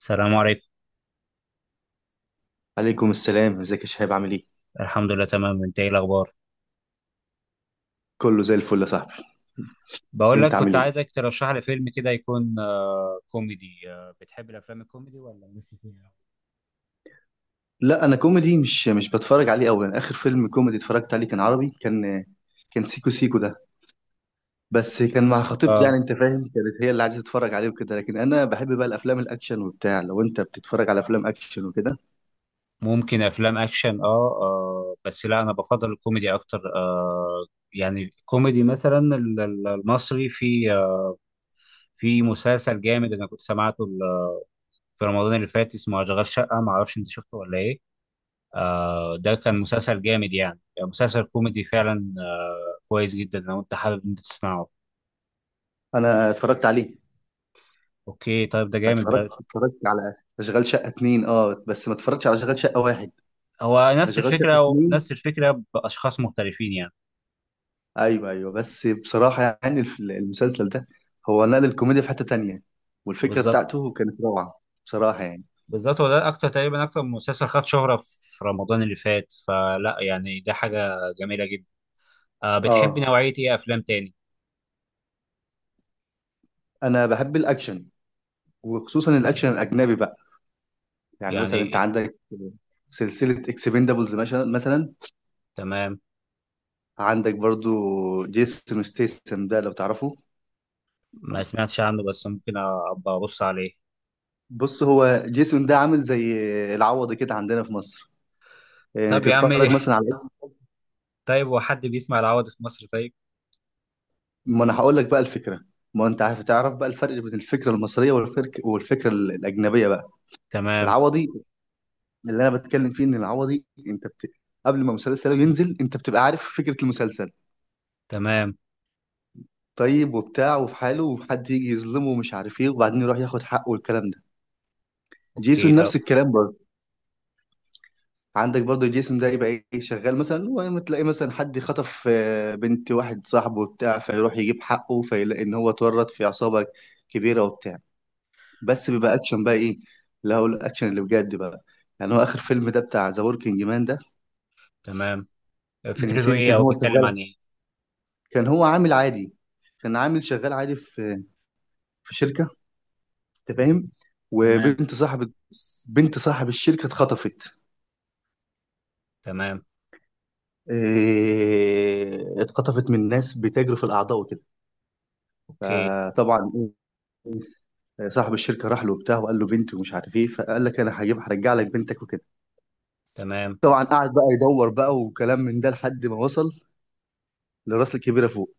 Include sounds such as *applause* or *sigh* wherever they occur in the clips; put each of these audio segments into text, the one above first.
السلام عليكم. عليكم السلام، ازيك يا شهاب؟ عامل ايه؟ الحمد لله تمام، انت ايه الاخبار؟ كله زي الفل يا صاحبي. بقول لك انت كنت عامل ايه؟ عايزك ترشح لي فيلم كده يكون كوميدي. بتحب الافلام الكوميدي ولا مش فيها؟ لا، انا كوميدي مش بتفرج عليه قوي. انا اخر فيلم كوميدي اتفرجت عليه كان عربي، كان سيكو سيكو ده. بس في كان مع قصة- خطيبتي، اه يعني انت فاهم، كانت هي اللي عايزه تتفرج عليه وكده. لكن انا بحب بقى الافلام الاكشن وبتاع. لو انت بتتفرج على افلام اكشن وكده، ممكن افلام اكشن آه بس لا، انا بفضل الكوميدي اكتر. يعني كوميدي مثلا المصري، في مسلسل جامد انا كنت سمعته في رمضان اللي فات اسمه اشغال شقة، ما اعرفش انت شفته ولا ايه؟ آه، ده كان بس مسلسل جامد، يعني مسلسل كوميدي فعلا، كويس جدا لو انت حابب انت تسمعه. انا اتفرجت عليه. اوكي، طيب ده جامد اتفرجت ده. اتفرجت على اشغال شقه اتنين، اه، بس ما اتفرجتش على اشغال شقه واحد. هو نفس اشغال شقه الفكره اتنين، ونفس الفكره باشخاص مختلفين يعني. ايوه ايوه، بس بصراحه، يعني المسلسل ده هو نقل الكوميديا في حته تانية، والفكره بالظبط، بتاعته كانت روعه بصراحه، يعني. بالظبط، هو ده اكتر، تقريبا اكتر مسلسل خد شهره في رمضان اللي فات، فلا يعني ده حاجه جميله جدا. أه، بتحبي اه، نوعيه ايه افلام تاني؟ انا بحب الاكشن، وخصوصا الاكشن الاجنبي بقى. يعني يعني مثلا انت إيه؟ عندك سلسله اكسبندابلز مثلا مثلا. تمام. عندك برضو جيسون ستيسن ده لو تعرفه. ما سمعتش عنه، بس ممكن ابقى ابص عليه. بص، هو جيسون ده عامل زي العوض كده عندنا في مصر. يعني طب يا عم تتفرج مثلا *laughs* على، طيب هو حد بيسمع العوض في مصر طيب؟ ما انا هقول لك بقى الفكره. ما انت عارف، تعرف بقى الفرق بين الفكره المصريه والفكره الاجنبيه بقى. تمام. العوضي اللي انا بتكلم فيه، ان العوضي انت قبل ما مسلسله ينزل انت بتبقى عارف فكره المسلسل، تمام. طيب وبتاع، وفي حاله وحد يجي يظلمه ومش عارف ايه وبعدين يروح ياخد حقه والكلام ده. اوكي جيسون طب. نفس الكلام برضه. عندك برضه جيسون ده يبقى ايه، شغال مثلا وتلاقي مثلا حد خطف بنت واحد صاحبه وبتاع، فيروح يجيب حقه فيلاقي ان هو اتورط في عصابه كبيره وبتاع. بس بيبقى اكشن بقى، ايه اللي هو الاكشن اللي بجد بقى. يعني هو اخر فيلم ده بتاع ذا وركينج مان ده. تمام. كان يا فكرته سيدي، ايه كان او هو بيتكلم شغال، عن ايه؟ كان هو عامل عادي، كان عامل شغال عادي في شركة، انت فاهم. تمام. وبنت صاحب، بنت صاحب الشركة اتخطفت. تمام. اتخطفت من ناس بتجري في الأعضاء وكده. اوكي. فطبعا، إيه، صاحب الشركة راح له وبتاع وقال له بنتي ومش عارف ايه، فقال لك انا هجيب، هرجع لك بنتك وكده. تمام. طبعا قعد بقى يدور بقى وكلام من ده لحد ما وصل لراس الكبيرة فوق.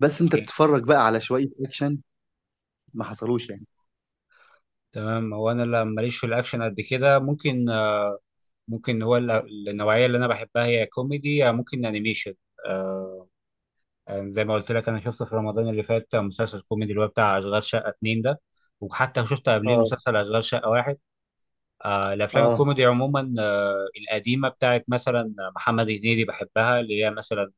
بس انت إيه؟ بتتفرج بقى على شوية اكشن ما حصلوش يعني. تمام. هو انا لا- ماليش في الاكشن قد كده. ممكن، ممكن، هو النوعيه اللي انا بحبها هي كوميدي، يا ممكن انيميشن. آه يعني زي ما قلت لك، انا شفت في رمضان اللي فات مسلسل كوميدي اللي هو بتاع اشغال شقه اتنين ده، وحتى شفت قبليه اه، مسلسل اشغال شقه واحد. الافلام اه. الكوميدي عموما، القديمه بتاعت مثلا محمد هنيدي بحبها، اللي هي مثلا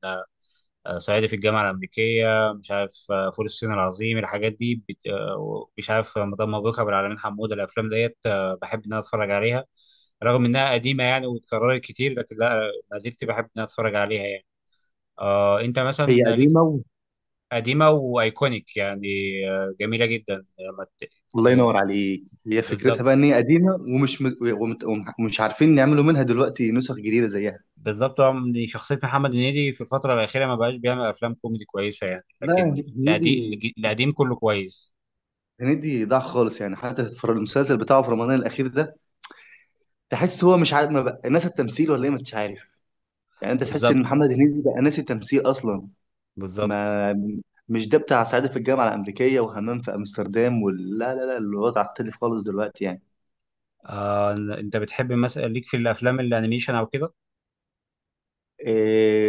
صعيدي في الجامعه الامريكيه، مش عارف، فول الصين العظيم، الحاجات دي مش عارف، مدام مبروك، ابو العلمين حموده، الافلام ديت، بحب ان انا اتفرج عليها رغم انها قديمه يعني، واتكررت كتير، لكن لا ما زلت بحب ان انا اتفرج عليها يعني. انت هي مثلا ليك؟ قديمة. قديمه وايكونيك يعني، جميله جدا لما الله آه، ينور عليك، هي فكرتها بالظبط. بقى ان هي قديمه ومش عارفين يعملوا منها دلوقتي نسخ جديده زيها. بالظبط. شخصية محمد هنيدي في الفترة الأخيرة ما بقاش بيعمل أفلام كوميدي كويسة يعني، لكن لا، القديم، هنيدي، القديم كله كويس. هنيدي ضاع خالص يعني. حتى في المسلسل بتاعه في رمضان الاخير ده، تحس هو مش عارف، ما بقى ناس التمثيل ولا ايه مش عارف. يعني انت تحس ان بالظبط. محمد هنيدي بقى ناسي التمثيل اصلا. بالظبط. ما مش ده بتاع صعيدي في الجامعه الامريكيه وهمام في امستردام، ولا لا لا لا، الوضع اختلف خالص دلوقتي يعني. آه أنت بتحب مثلا ليك في الأفلام الأنيميشن أو كده؟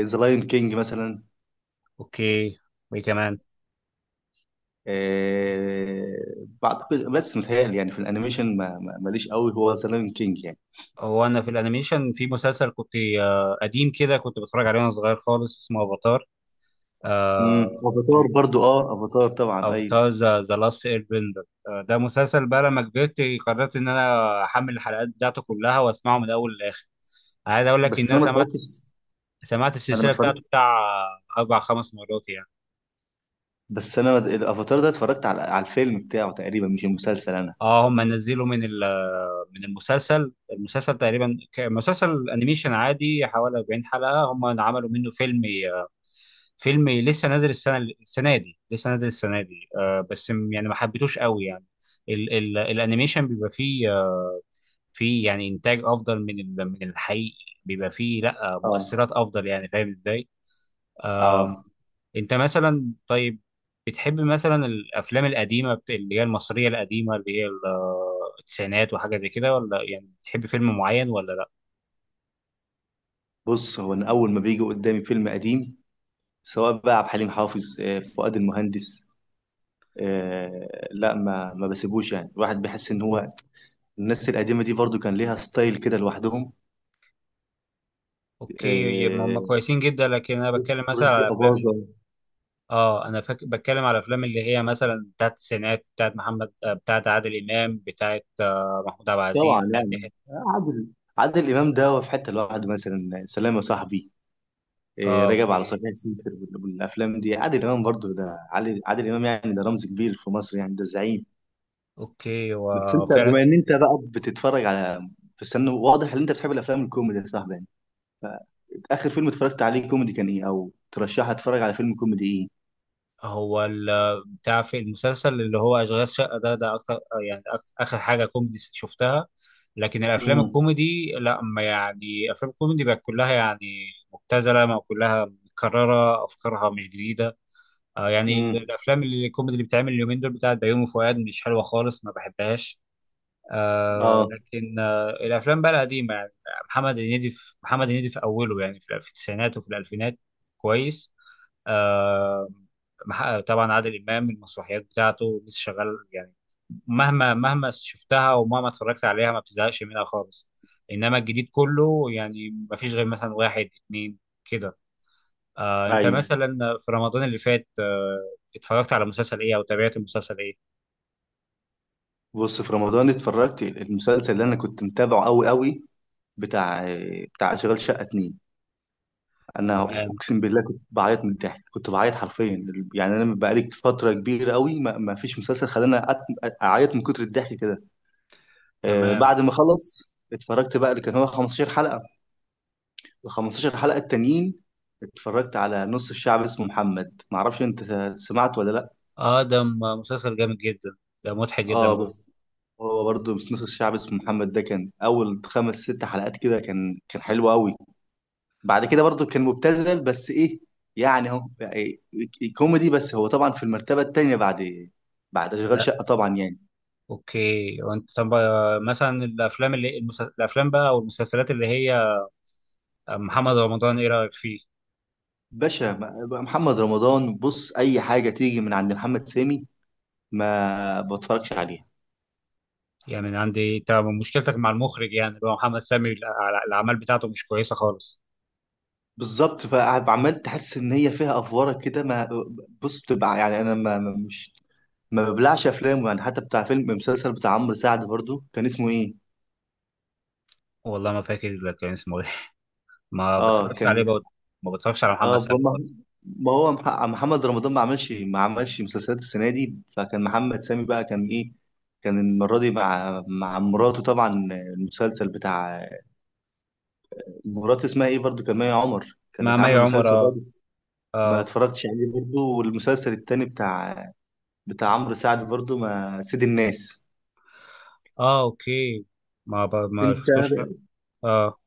ذا لاين كينج مثلا، أوكي، وإيه كمان؟ آه، بعتقد بس متهيألي، يعني في الانيميشن ماليش قوي، هو ذا لايون كينج يعني. هو أنا في الأنيميشن في مسلسل كنت قديم كده، كنت بتفرج عليه وأنا صغير خالص، اسمه أفاتار. آه افاتار برضو، اه افاتار طبعا او ايوه. بتاع ذا لاست اير بندر. ده مسلسل بقى لما كبرت قررت ان انا احمل الحلقات بتاعته كلها واسمعه من الاول للاخر. عايز اقول لك ان بس انا انا ما سمعت، اتفرجتش، سمعت انا ما السلسله بتاعته اتفرجت. بتاع اربع خمس مرات يعني. بس انا الافاتار ده اتفرجت على الفيلم بتاعه تقريبا، مش المسلسل انا. اه هم نزلوا من المسلسل تقريبا مسلسل انيميشن عادي حوالي 40 حلقه، هم عملوا منه فيلم لسه نازل السنه، السنه دي لسه نازل السنه دي. يعني ما حبيتوش قوي يعني. ال ال الانيميشن بيبقى فيه، في يعني انتاج افضل من الحقيقي، بيبقى فيه لا اه، مؤثرات افضل، يعني فاهم ازاي؟ آه، اه. انت مثلا طيب، بتحب مثلا الافلام القديمه اللي هي المصريه القديمه اللي هي التسعينات وحاجه زي كده، ولا يعني بتحب فيلم معين ولا لا؟ بص، هو انا اول ما بيجي قدامي فيلم قديم سواء بقى عبد الحليم حافظ، فؤاد المهندس، آه، لا، ما بسيبوش يعني. الواحد بيحس ان هو الناس القديمه دي برضو كان ليها ستايل كده لوحدهم. اوكي. يبقى هم آه، كويسين جدا، لكن انا بتكلم مثلا رشدي على افلام ال- أباظة، اه انا فاك... بتكلم على افلام اللي هي مثلا بتاعت التسعينات، بتاعت محمد، بتاعت عادل امام، بتاعت محمود عبد العزيز، طبعا بتاعت يحيى. يعني. عادل عادل إمام ده هو في حتة لوحده، مثلا سلام يا صاحبي، اه راجع على اوكي. صحيح سيفر والأفلام دي. عادل إمام برضو ده، عادل إمام يعني، ده رمز كبير في مصر يعني، ده زعيم. اوكي، بس أنت وفعلا، بما إن أنت بقى بتتفرج على، بس أنا واضح إن أنت بتحب الأفلام الكوميدي يا صاحبي يعني. آخر فيلم اتفرجت عليه كوميدي كان إيه؟ أو ترشح أتفرج على فيلم كوميدي إيه؟ هو بتاع في المسلسل اللي هو اشغال شقه ده، ده اكتر، يعني اخر حاجه كوميدي شفتها. لكن الافلام امم الكوميدي لا، ما يعني افلام الكوميدي بقت كلها يعني مبتذله، ما كلها متكرره، افكارها مش جديده. آه يعني امم الافلام اللي الكوميدي اللي بتعمل اليومين دول بتاعت بيومي فؤاد، مش حلوه خالص، ما بحبهاش. آه، اه، لكن آه الافلام بقى القديمه يعني، محمد هنيدي في اوله، يعني في في التسعينات وفي الالفينات، كويس. آه طبعا عادل امام، المسرحيات بتاعته لسه شغال يعني، مهما، مهما شفتها ومهما اتفرجت عليها ما بتزهقش منها خالص. انما الجديد كله يعني ما فيش غير مثلا واحد اتنين كده. آه انت ايوه. مثلا في رمضان اللي فات آه اتفرجت على مسلسل ايه او تابعت مسلسل ايه؟ بص، في رمضان اتفرجت المسلسل اللي انا كنت متابعه قوي قوي، بتاع بتاع اشغال شقه اتنين. انا تمام. اقسم بالله كنت بعيط من الضحك، كنت بعيط حرفيا. يعني انا بقالي فتره كبيره قوي ما فيش مسلسل خلاني اعيط من كتر الضحك كده. تمام. بعد ما خلص اتفرجت بقى اللي كان هو 15 حلقه، ال 15 حلقه التانيين. اتفرجت على نص الشعب اسمه محمد، معرفش انت سمعت ولا لا. اه ده مسلسل جامد جدا، ده مضحك جدا اه، بقى. بس هو برضه، بس نص الشعب اسمه محمد ده كان اول خمس ست حلقات كده، كان حلو قوي. بعد كده برضو كان مبتذل، بس ايه، يعني هو يعني كوميدي. بس هو طبعا في المرتبة التانية بعد اشغال لا. شقة طبعا يعني. اوكي، وانت طب، مثلا الافلام اللي الافلام بقى او المسلسلات اللي هي، محمد رمضان ايه رايك فيه؟ باشا محمد رمضان، بص، اي حاجة تيجي من عند محمد سامي ما بتفرجش عليها. يعني من عندي انت، مشكلتك مع المخرج يعني اللي هو محمد سامي، الاعمال بتاعته مش كويسه خالص. بالظبط، فعمال تحس ان هي فيها افوره كده. ما بص، بتبقى يعني انا مش، ما ببلعش افلام يعني. حتى بتاع فيلم مسلسل بتاع عمرو سعد برضو، كان اسمه ايه؟ والله ما فاكر كان اسمه ايه *laughs* ما اه بتفرجش عليه كان، برضه. ما بتفرجش على اه محمد سامي ما خالص. ما هو محمد رمضان ما عملش ما عملش مسلسلات السنه دي. فكان محمد سامي بقى كان ايه، كان المره دي مع مراته طبعا المسلسل بتاع، مراته اسمها ايه برضو، كان مي عمر مع كانت مي عامله عمر مسلسل اه. برضو. ما اه. اتفرجتش عليه برضو. والمسلسل التاني بتاع عمرو سعد برضو، ما سيد الناس، اه. اوكي. ما ب... ما انت شفتوش اه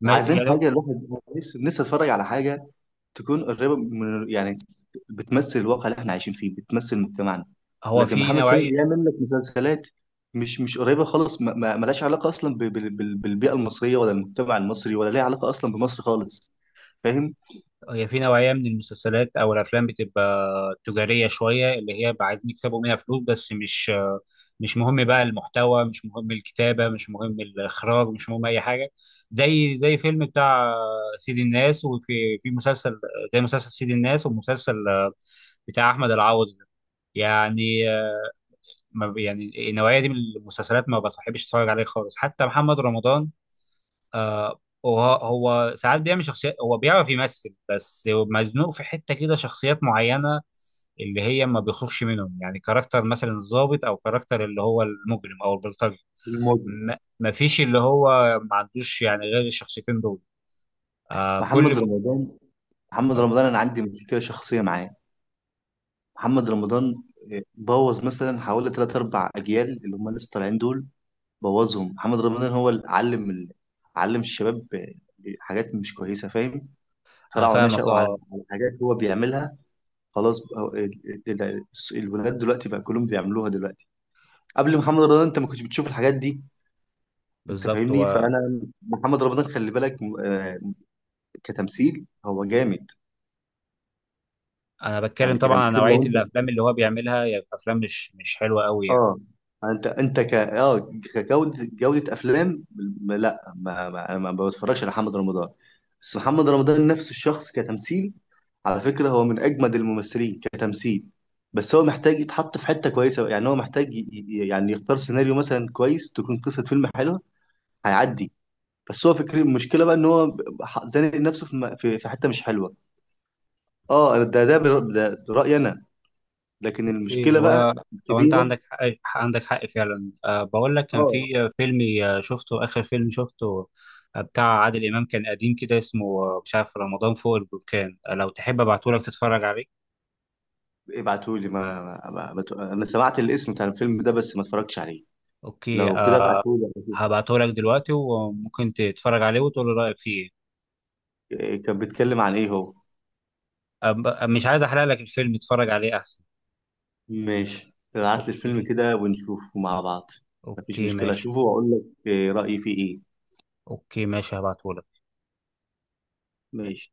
ما... عايزين يعني، حاجه. الواحد نفسه نفسه اتفرج على حاجه تكون قريبة من، يعني بتمثل الواقع اللي احنا عايشين فيه، بتمثل مجتمعنا. هو لكن في محمد سامي نوعية. بيعمل لك مسلسلات مش قريبة خالص، ملهاش علاقة أصلا بالبيئة المصرية، ولا المجتمع المصري، ولا ليها علاقة أصلا بمصر خالص. فاهم؟ هي في نوعية من المسلسلات أو الأفلام بتبقى تجارية شوية، اللي هي بقى عايزين يكسبوا منها فلوس بس، مش، مش مهم بقى المحتوى، مش مهم الكتابة، مش مهم الإخراج، مش مهم أي حاجة. زي، زي فيلم بتاع سيد الناس، وفي في مسلسل زي مسلسل سيد الناس ومسلسل بتاع أحمد العوضي ده. يعني، ما يعني النوعية دي من المسلسلات ما بحبش أتفرج عليها خالص. حتى محمد رمضان، آه، وهو، هو ساعات بيعمل شخصيات، هو بيعرف يمثل بس مزنوق في حتة كده، شخصيات معينة اللي هي ما بيخرجش منهم، يعني كاركتر مثلا الضابط، او كاركتر اللي هو المجرم او البلطجي. الموضوع ما ما فيش اللي هو ما عندوش يعني غير الشخصيتين دول. آه كل محمد م... رمضان. محمد آه رمضان أنا عندي مشكلة شخصية معاه. محمد رمضان بوظ مثلا حوالي ثلاث أربع أجيال اللي هم لسه طالعين دول. بوظهم محمد رمضان، هو اللي علم الشباب حاجات مش كويسة. فاهم؟ أنا طلعوا فاهمك نشأوا على اه. على حاجات هو بيعملها. خلاص بقى، ال- ال- الولاد دلوقتي بقى كلهم بيعملوها دلوقتي. قبل محمد رمضان انت ما كنتش بتشوف الحاجات دي. انت بالظبط. فاهمني. وانا فانا محمد رمضان، خلي بالك، كتمثيل هو جامد. بتكلم يعني طبعا عن كتمثيل نوعية لو انت، الافلام اللي هو بيعملها، يعني افلام مش، مش حلوة قوي يعني. اه، انت ك اه كجوده جوده افلام، لا، ما بتفرجش على محمد رمضان. بس محمد رمضان نفسه الشخص كتمثيل، على فكره هو من اجمد الممثلين كتمثيل. بس هو محتاج يتحط في حته كويسه، يعني هو محتاج يعني يختار سيناريو مثلا كويس تكون قصه فيلم حلوه، هيعدي. بس هو فكرة المشكله بقى ان هو زانق نفسه في في حته مش حلوه. اه، ده رايي انا. لكن اوكي، المشكله هو، بقى هو انت كبيره. عندك حق، عندك حق فعلا. أه بقول لك كان اه، في فيلم، شفته اخر فيلم شفته، بتاع عادل امام، كان قديم كده اسمه، مش عارف، رمضان فوق البركان. لو تحب ابعته لك تتفرج عليه. ابعتولي. ما... ما... ما... ما... ت- انا سمعت الاسم بتاع الفيلم ده بس ما اتفرجتش عليه. اوكي لو كده أه، ابعتهولي أشوف. هبعته لك دلوقتي وممكن تتفرج عليه وتقول لي رايك فيه إيه. كان بيتكلم عن ايه هو؟ مش عايز احرق لك الفيلم، اتفرج عليه احسن. ماشي، ابعت لي الفيلم اوكي. كده ونشوفه مع بعض. مفيش اوكي مشكلة ماشي. اشوفه واقول لك إيه رأيي فيه ايه. اوكي ماشي هبعته. ماشي.